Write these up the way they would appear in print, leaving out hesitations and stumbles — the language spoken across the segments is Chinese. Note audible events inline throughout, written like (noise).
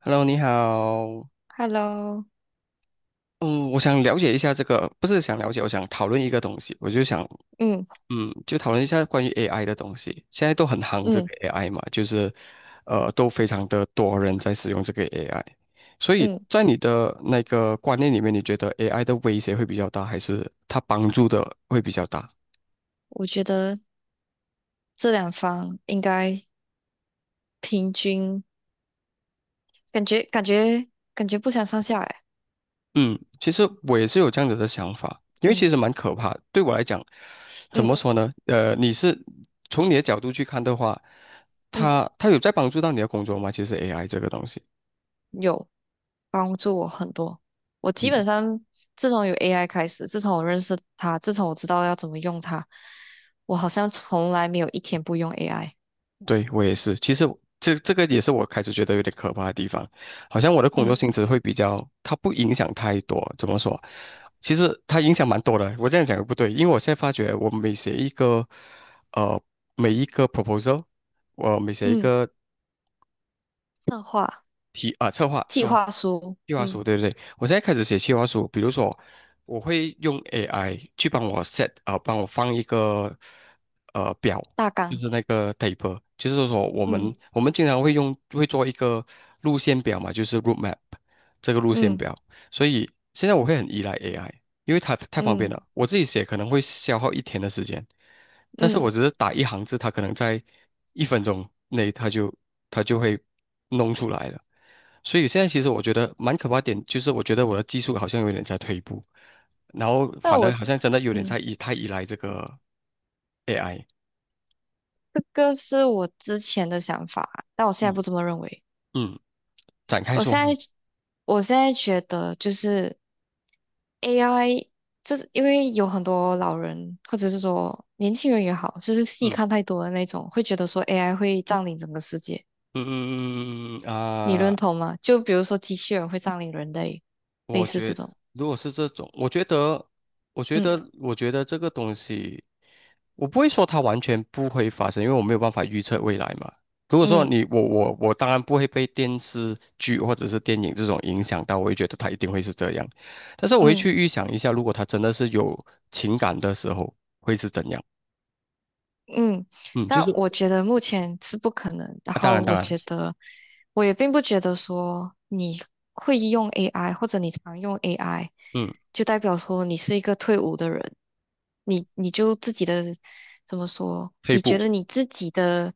Hello，你好。Hello，嗯，我想了解一下这个，不是想了解，我想讨论一个东西。我就想，嗯就讨论一下关于 AI 的东西。现在都很夯这嗯个 AI 嘛，就是，都非常的多人在使用这个 AI。所以嗯，在你的那个观念里面，你觉得 AI 的威胁会比较大，还是它帮助的会比较大？我觉得这两方应该平均，感觉感觉感觉不相上下哎，嗯，其实我也是有这样子的想法，因为其嗯实蛮可怕的。对我来讲，怎嗯么说呢？你是从你的角度去看的话，嗯，他有在帮助到你的工作吗？其实 AI 这个东西，有帮助我很多。我基本嗯，上自从有 AI 开始，自从我认识它，自从我知道要怎么用它，我好像从来没有一天不用 AI。对我也是。其实这个也是我开始觉得有点可怕的地方，好像我的工作嗯性质会比较，它不影响太多。怎么说？其实它影响蛮多的。我这样讲也不对，因为我现在发觉，我每写一个，呃，每一个 proposal。我每写一嗯，个策划、提啊，策划计策划划书，计划嗯，书，对对对，我现在开始写计划书，比如说我会用 AI 去帮我 set 啊、帮我放一个表，大就纲，是那个 table，就是说我嗯们我们经常会做一个路线表嘛，就是 road map 这个路线嗯表，所以现在我会很依赖 AI，因为它太方便嗯了，我自己写可能会消耗一天的时间，但是嗯，我只是打一行字，它可能在一分钟内它就会弄出来了。所以现在其实我觉得蛮可怕的点，就是我觉得我的技术好像有点在退步，然后那反而我。好像真的有点嗯。在太依赖这个 AI。这个是我之前的想法啊，但我现在嗯，不这么认为。嗯，展开我说现在，说。我现在觉得就是 AI，这是因为有很多老人或者是说年轻人也好，就是戏看嗯太多的那种，会觉得说 AI 会占领整个世界，嗯嗯嗯嗯嗯嗯你认啊。同吗？就比如说机器人会占领人类，类我似觉这得，种。如果是这种，嗯我觉得这个东西，我不会说它完全不会发生，因为我没有办法预测未来嘛。如果说嗯你我我我当然不会被电视剧或者是电影这种影响到，我会觉得它一定会是这样。但是我会嗯。去预想一下，如果它真的是有情感的时候，会是怎样？嗯，嗯，就但是我觉得目前是不可能。然啊当然后当我然，觉得，我也并不觉得说你会用 AI 或者你常用 AI，嗯，就代表说你是一个退伍的人。你就自己的怎么说？退你步，觉得你自己的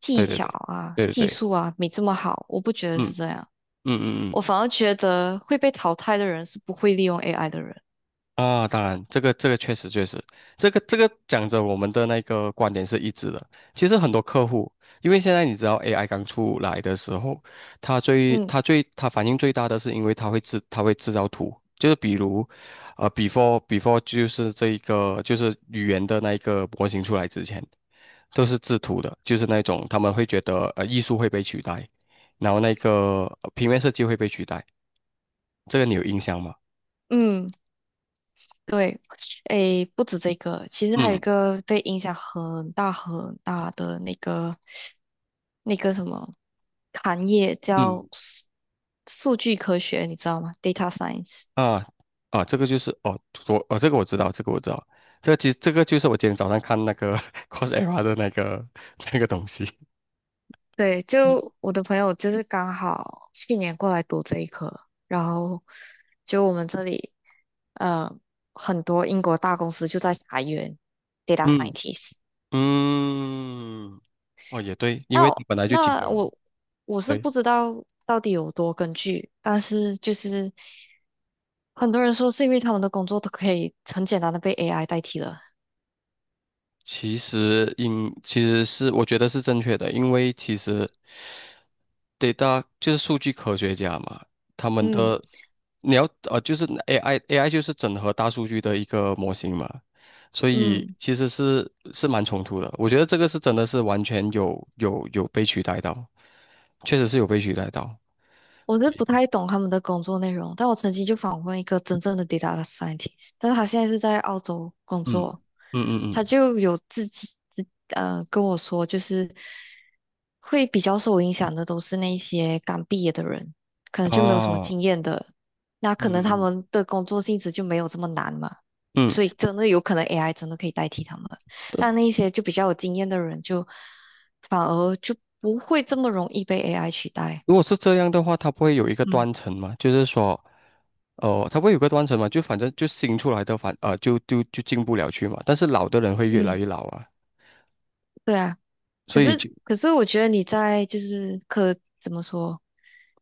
技对对巧对啊、对对技对，术啊没这么好？我不觉得嗯。是这样，嗯嗯嗯我嗯。反而觉得会被淘汰的人是不会利用 AI 的人。啊，当然，这个确实确实，这个讲着我们的那个观点是一致的。其实很多客户，因为现在你知道 AI 刚出来的时候，嗯他反应最大的是因为它会制造图，就是比如，before 就是这一个就是语言的那一个模型出来之前，都是制图的，就是那种他们会觉得艺术会被取代，然后那个平面设计会被取代，这个你有印象吗？嗯。对，诶，不止这个，其实还有一嗯个被影响很大很大的那个那个什么行业叫嗯，数据科学，你知道吗？Data science。啊啊，这个就是哦，我哦，这个我知道，这个我知道，其实这个就是我今天早上看那个 (laughs) Coursera 的那个东西。对，就我的朋友就是刚好去年过来读这一科，然后就我们这里呃很多英国大公司就在裁员 data 嗯 scientist。嗯，哦也对，因那为它我本来就基本那了。我我是对，不知道到底有多根据，但是就是很多人说是因为他们的工作都可以很简单的被 AI 代替了。其实是我觉得是正确的，因为其实对 就是数据科学家嘛，他们嗯的你要就是 AI 就是整合大数据的一个模型嘛，所以嗯。其实是蛮冲突的。我觉得这个是真的是完全有被取代到，确实是有被取代到。我是不太懂他们的工作内容，但我曾经就访问一个真正的 data scientist，但是他现在是在澳洲工嗯作，嗯嗯他就有自己跟我说，就是会比较受影响的都是那些刚毕业的人，可嗯，能就没有什么哦，经验的，那嗯可能他嗯们的工作性质就没有这么难嘛，嗯，所以真的有可能 AI 真的可以代替他们，但那一些就比较有经验的人就反而就不会这么容易被 AI 取代，如果是这样的话，它不会有一个嗯。断层嘛？就是说，哦，它不会有个断层嘛？就反正就新出来的就进不了去嘛，但是老的人会越来嗯，越老啊。对啊，可所以是就，可是我觉得你在就是怎么说，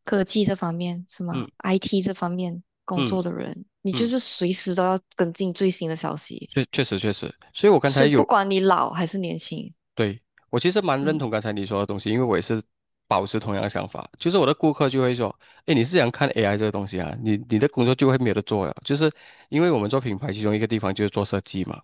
科技这方面是吗嗯？IT 这方面工嗯作的人，你就嗯，是随时都要跟进最新的消息，确实，所以我刚才所以不有，管你老还是年轻，对，我其实蛮认嗯，同刚才你说的东西，因为我也是保持同样的想法，就是我的顾客就会说，哎，你是想看 AI 这个东西啊，你的工作就会没有得做了，就是因为我们做品牌，其中一个地方就是做设计嘛，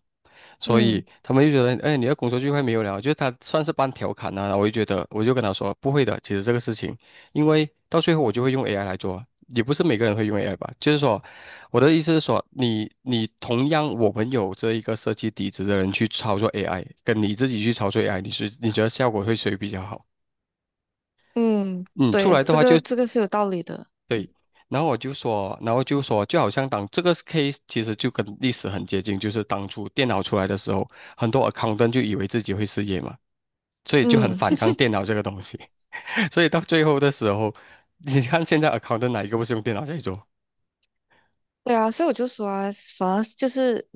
所以嗯他们就觉得，哎，你的工作聚会没有聊，就是他算是半调侃呐、啊。我就觉得，我就跟他说，不会的，其实这个事情，因为到最后我就会用 AI 来做，也不是每个人会用 AI 吧。就是说，我的意思是说，你同样我们有这一个设计底子的人去操作 AI，跟你自己去操作 AI，你觉得效果会谁比较好？嗯，嗯，出啊对，来的这话就 个这 (laughs)，个是有道理的，嗯然后我就说，就好像当这个 case 其实就跟历史很接近，就是当初电脑出来的时候，很多 a c c o u n t 就以为自己会失业嘛。所以就很嗯。反抗电脑这个东西。(laughs) 所以到最后的时候，你看现在 a c c o u n t 哪一个不是用电脑在做？对啊，所以我就说啊，反而是就是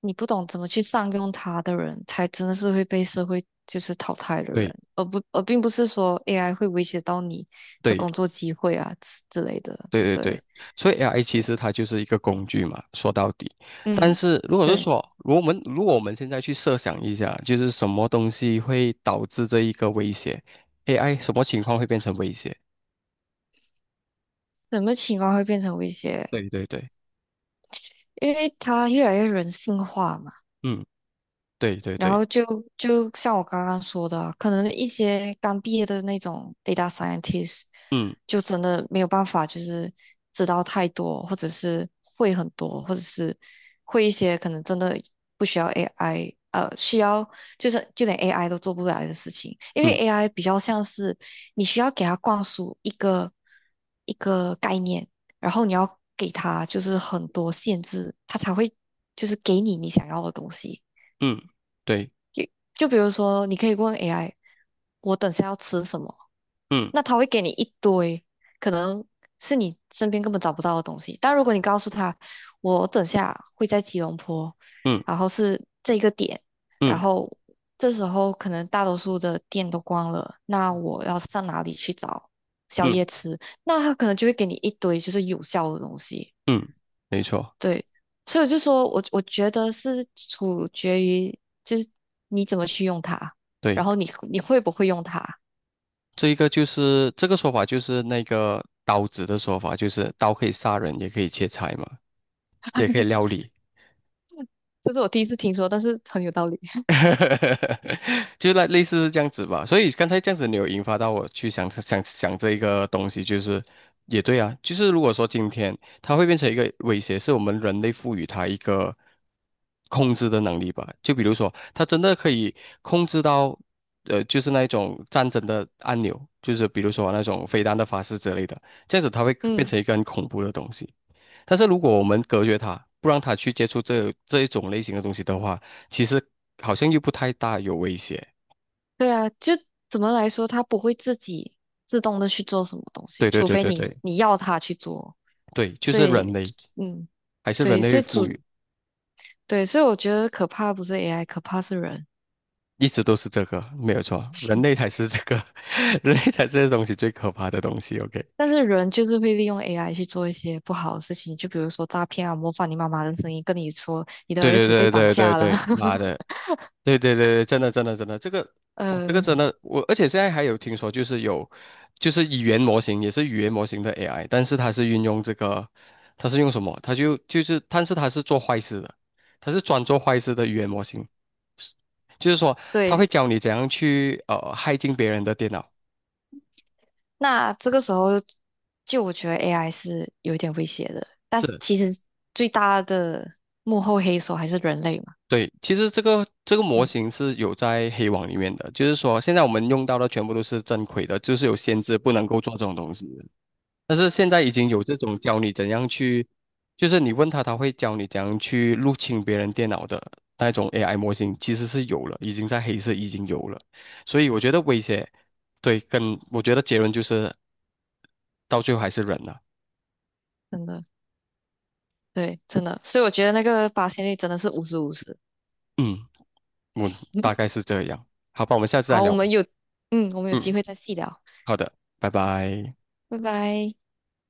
你不懂怎么去善用它的人，才真的是会被社会就是淘汰的对人，而并不是说 AI 会威胁到你的工对作机会啊之类的。对对对，对所以 AI 其对，实它就是一个工具嘛，说到底。但嗯，是如果是对，说，如果我们现在去设想一下，就是什么东西会导致这一个威胁？AI 什么情况会变成威胁？什么情况会变成威胁？对对对，因为它越来越人性化嘛。嗯，对对然对，后就像我刚刚说的，可能一些刚毕业的那种 data scientist，嗯就真的没有办法，就是知道太多，或者是会很多，或者是会一些可能真的不需要 AI，需要就是就连 AI 都做不来的事情，因为 嗯 AI 比较像是你需要给它灌输一个概念，然后你要给它就是很多限制，它才会就是给你想要的东西。嗯，对，就比如说，你可以问 AI，我等下要吃什么，嗯那他会给你一堆，可能是你身边根本找不到的东西。但如果你告诉他，我等下会在吉隆坡，嗯然后是这个点，然嗯后这时候可能大多数的店都关了，那我要上哪里去找宵嗯夜吃？那他可能就会给你一堆就是有效的东西。嗯，没错，对，所以我就说我觉得是取决于就是你怎么去用它，然对。后你会不会用它，这一个就是这个说法，就是那个刀子的说法，就是刀可以杀人，也可以切菜嘛，也可以料理。这是我第一次听说，但是很有道理。(laughs) (laughs) 就那类似是这样子吧，所以刚才这样子你有引发到我去想想这一个东西，就是也对啊，就是如果说今天它会变成一个威胁，是我们人类赋予它一个控制的能力吧，就比如说它真的可以控制到，就是那一种战争的按钮，就是比如说那种飞弹的发射之类的，这样子它会变嗯，成一个很恐怖的东西。但是如果我们隔绝它，不让它去接触这一种类型的东西的话，其实好像又不太大有威胁。对啊，就怎么来说，它不会自己自动的去做什么东西，对对除对非对你对你要它去做。对，就所是以，人类，嗯，还是人对，所类以赋主予，对，所以我觉得可怕不是 AI，可怕是人。一直都是这个，没有错，人类才是这个，(laughs) 人类才是这东西最可怕的东西。OK，但是人就是会利用 AI 去做一些不好的事情，就比如说诈骗啊，模仿你妈妈的声音跟你说你的对儿对子被对绑对对架了。对，妈 (laughs) 的，对对对对，真的真的真的，这个我这个嗯，真的我，而且现在还有听说，就是有就是语言模型也是语言模型的 AI，但是它是运用这个，它是用什么？它就是，但是它是做坏事的，它是专做坏事的语言模型。就是说他会对，教你怎样去害进别人的电脑。那这个时候就我觉得 AI 是有一点威胁的，但是，其实最大的幕后黑手还是人类嘛。对，其实这个模嗯，型是有在黑网里面的，就是说现在我们用到的全部都是正规的，就是有限制不能够做这种东西的。但是现在已经有这种教你怎样去，就是你问他，他会教你怎样去入侵别人电脑的那种 AI 模型，其实是有了，已经在黑色已经有了。所以我觉得威胁，对，跟我觉得结论就是到最后还是人了。真的。对，真的，所以我觉得那个发现率真的是50/50。嗯。嗯，(laughs) 5大概是这样。好吧，我们下次再好，聊。我们有嗯，机会再细聊，好的，拜拜。拜拜。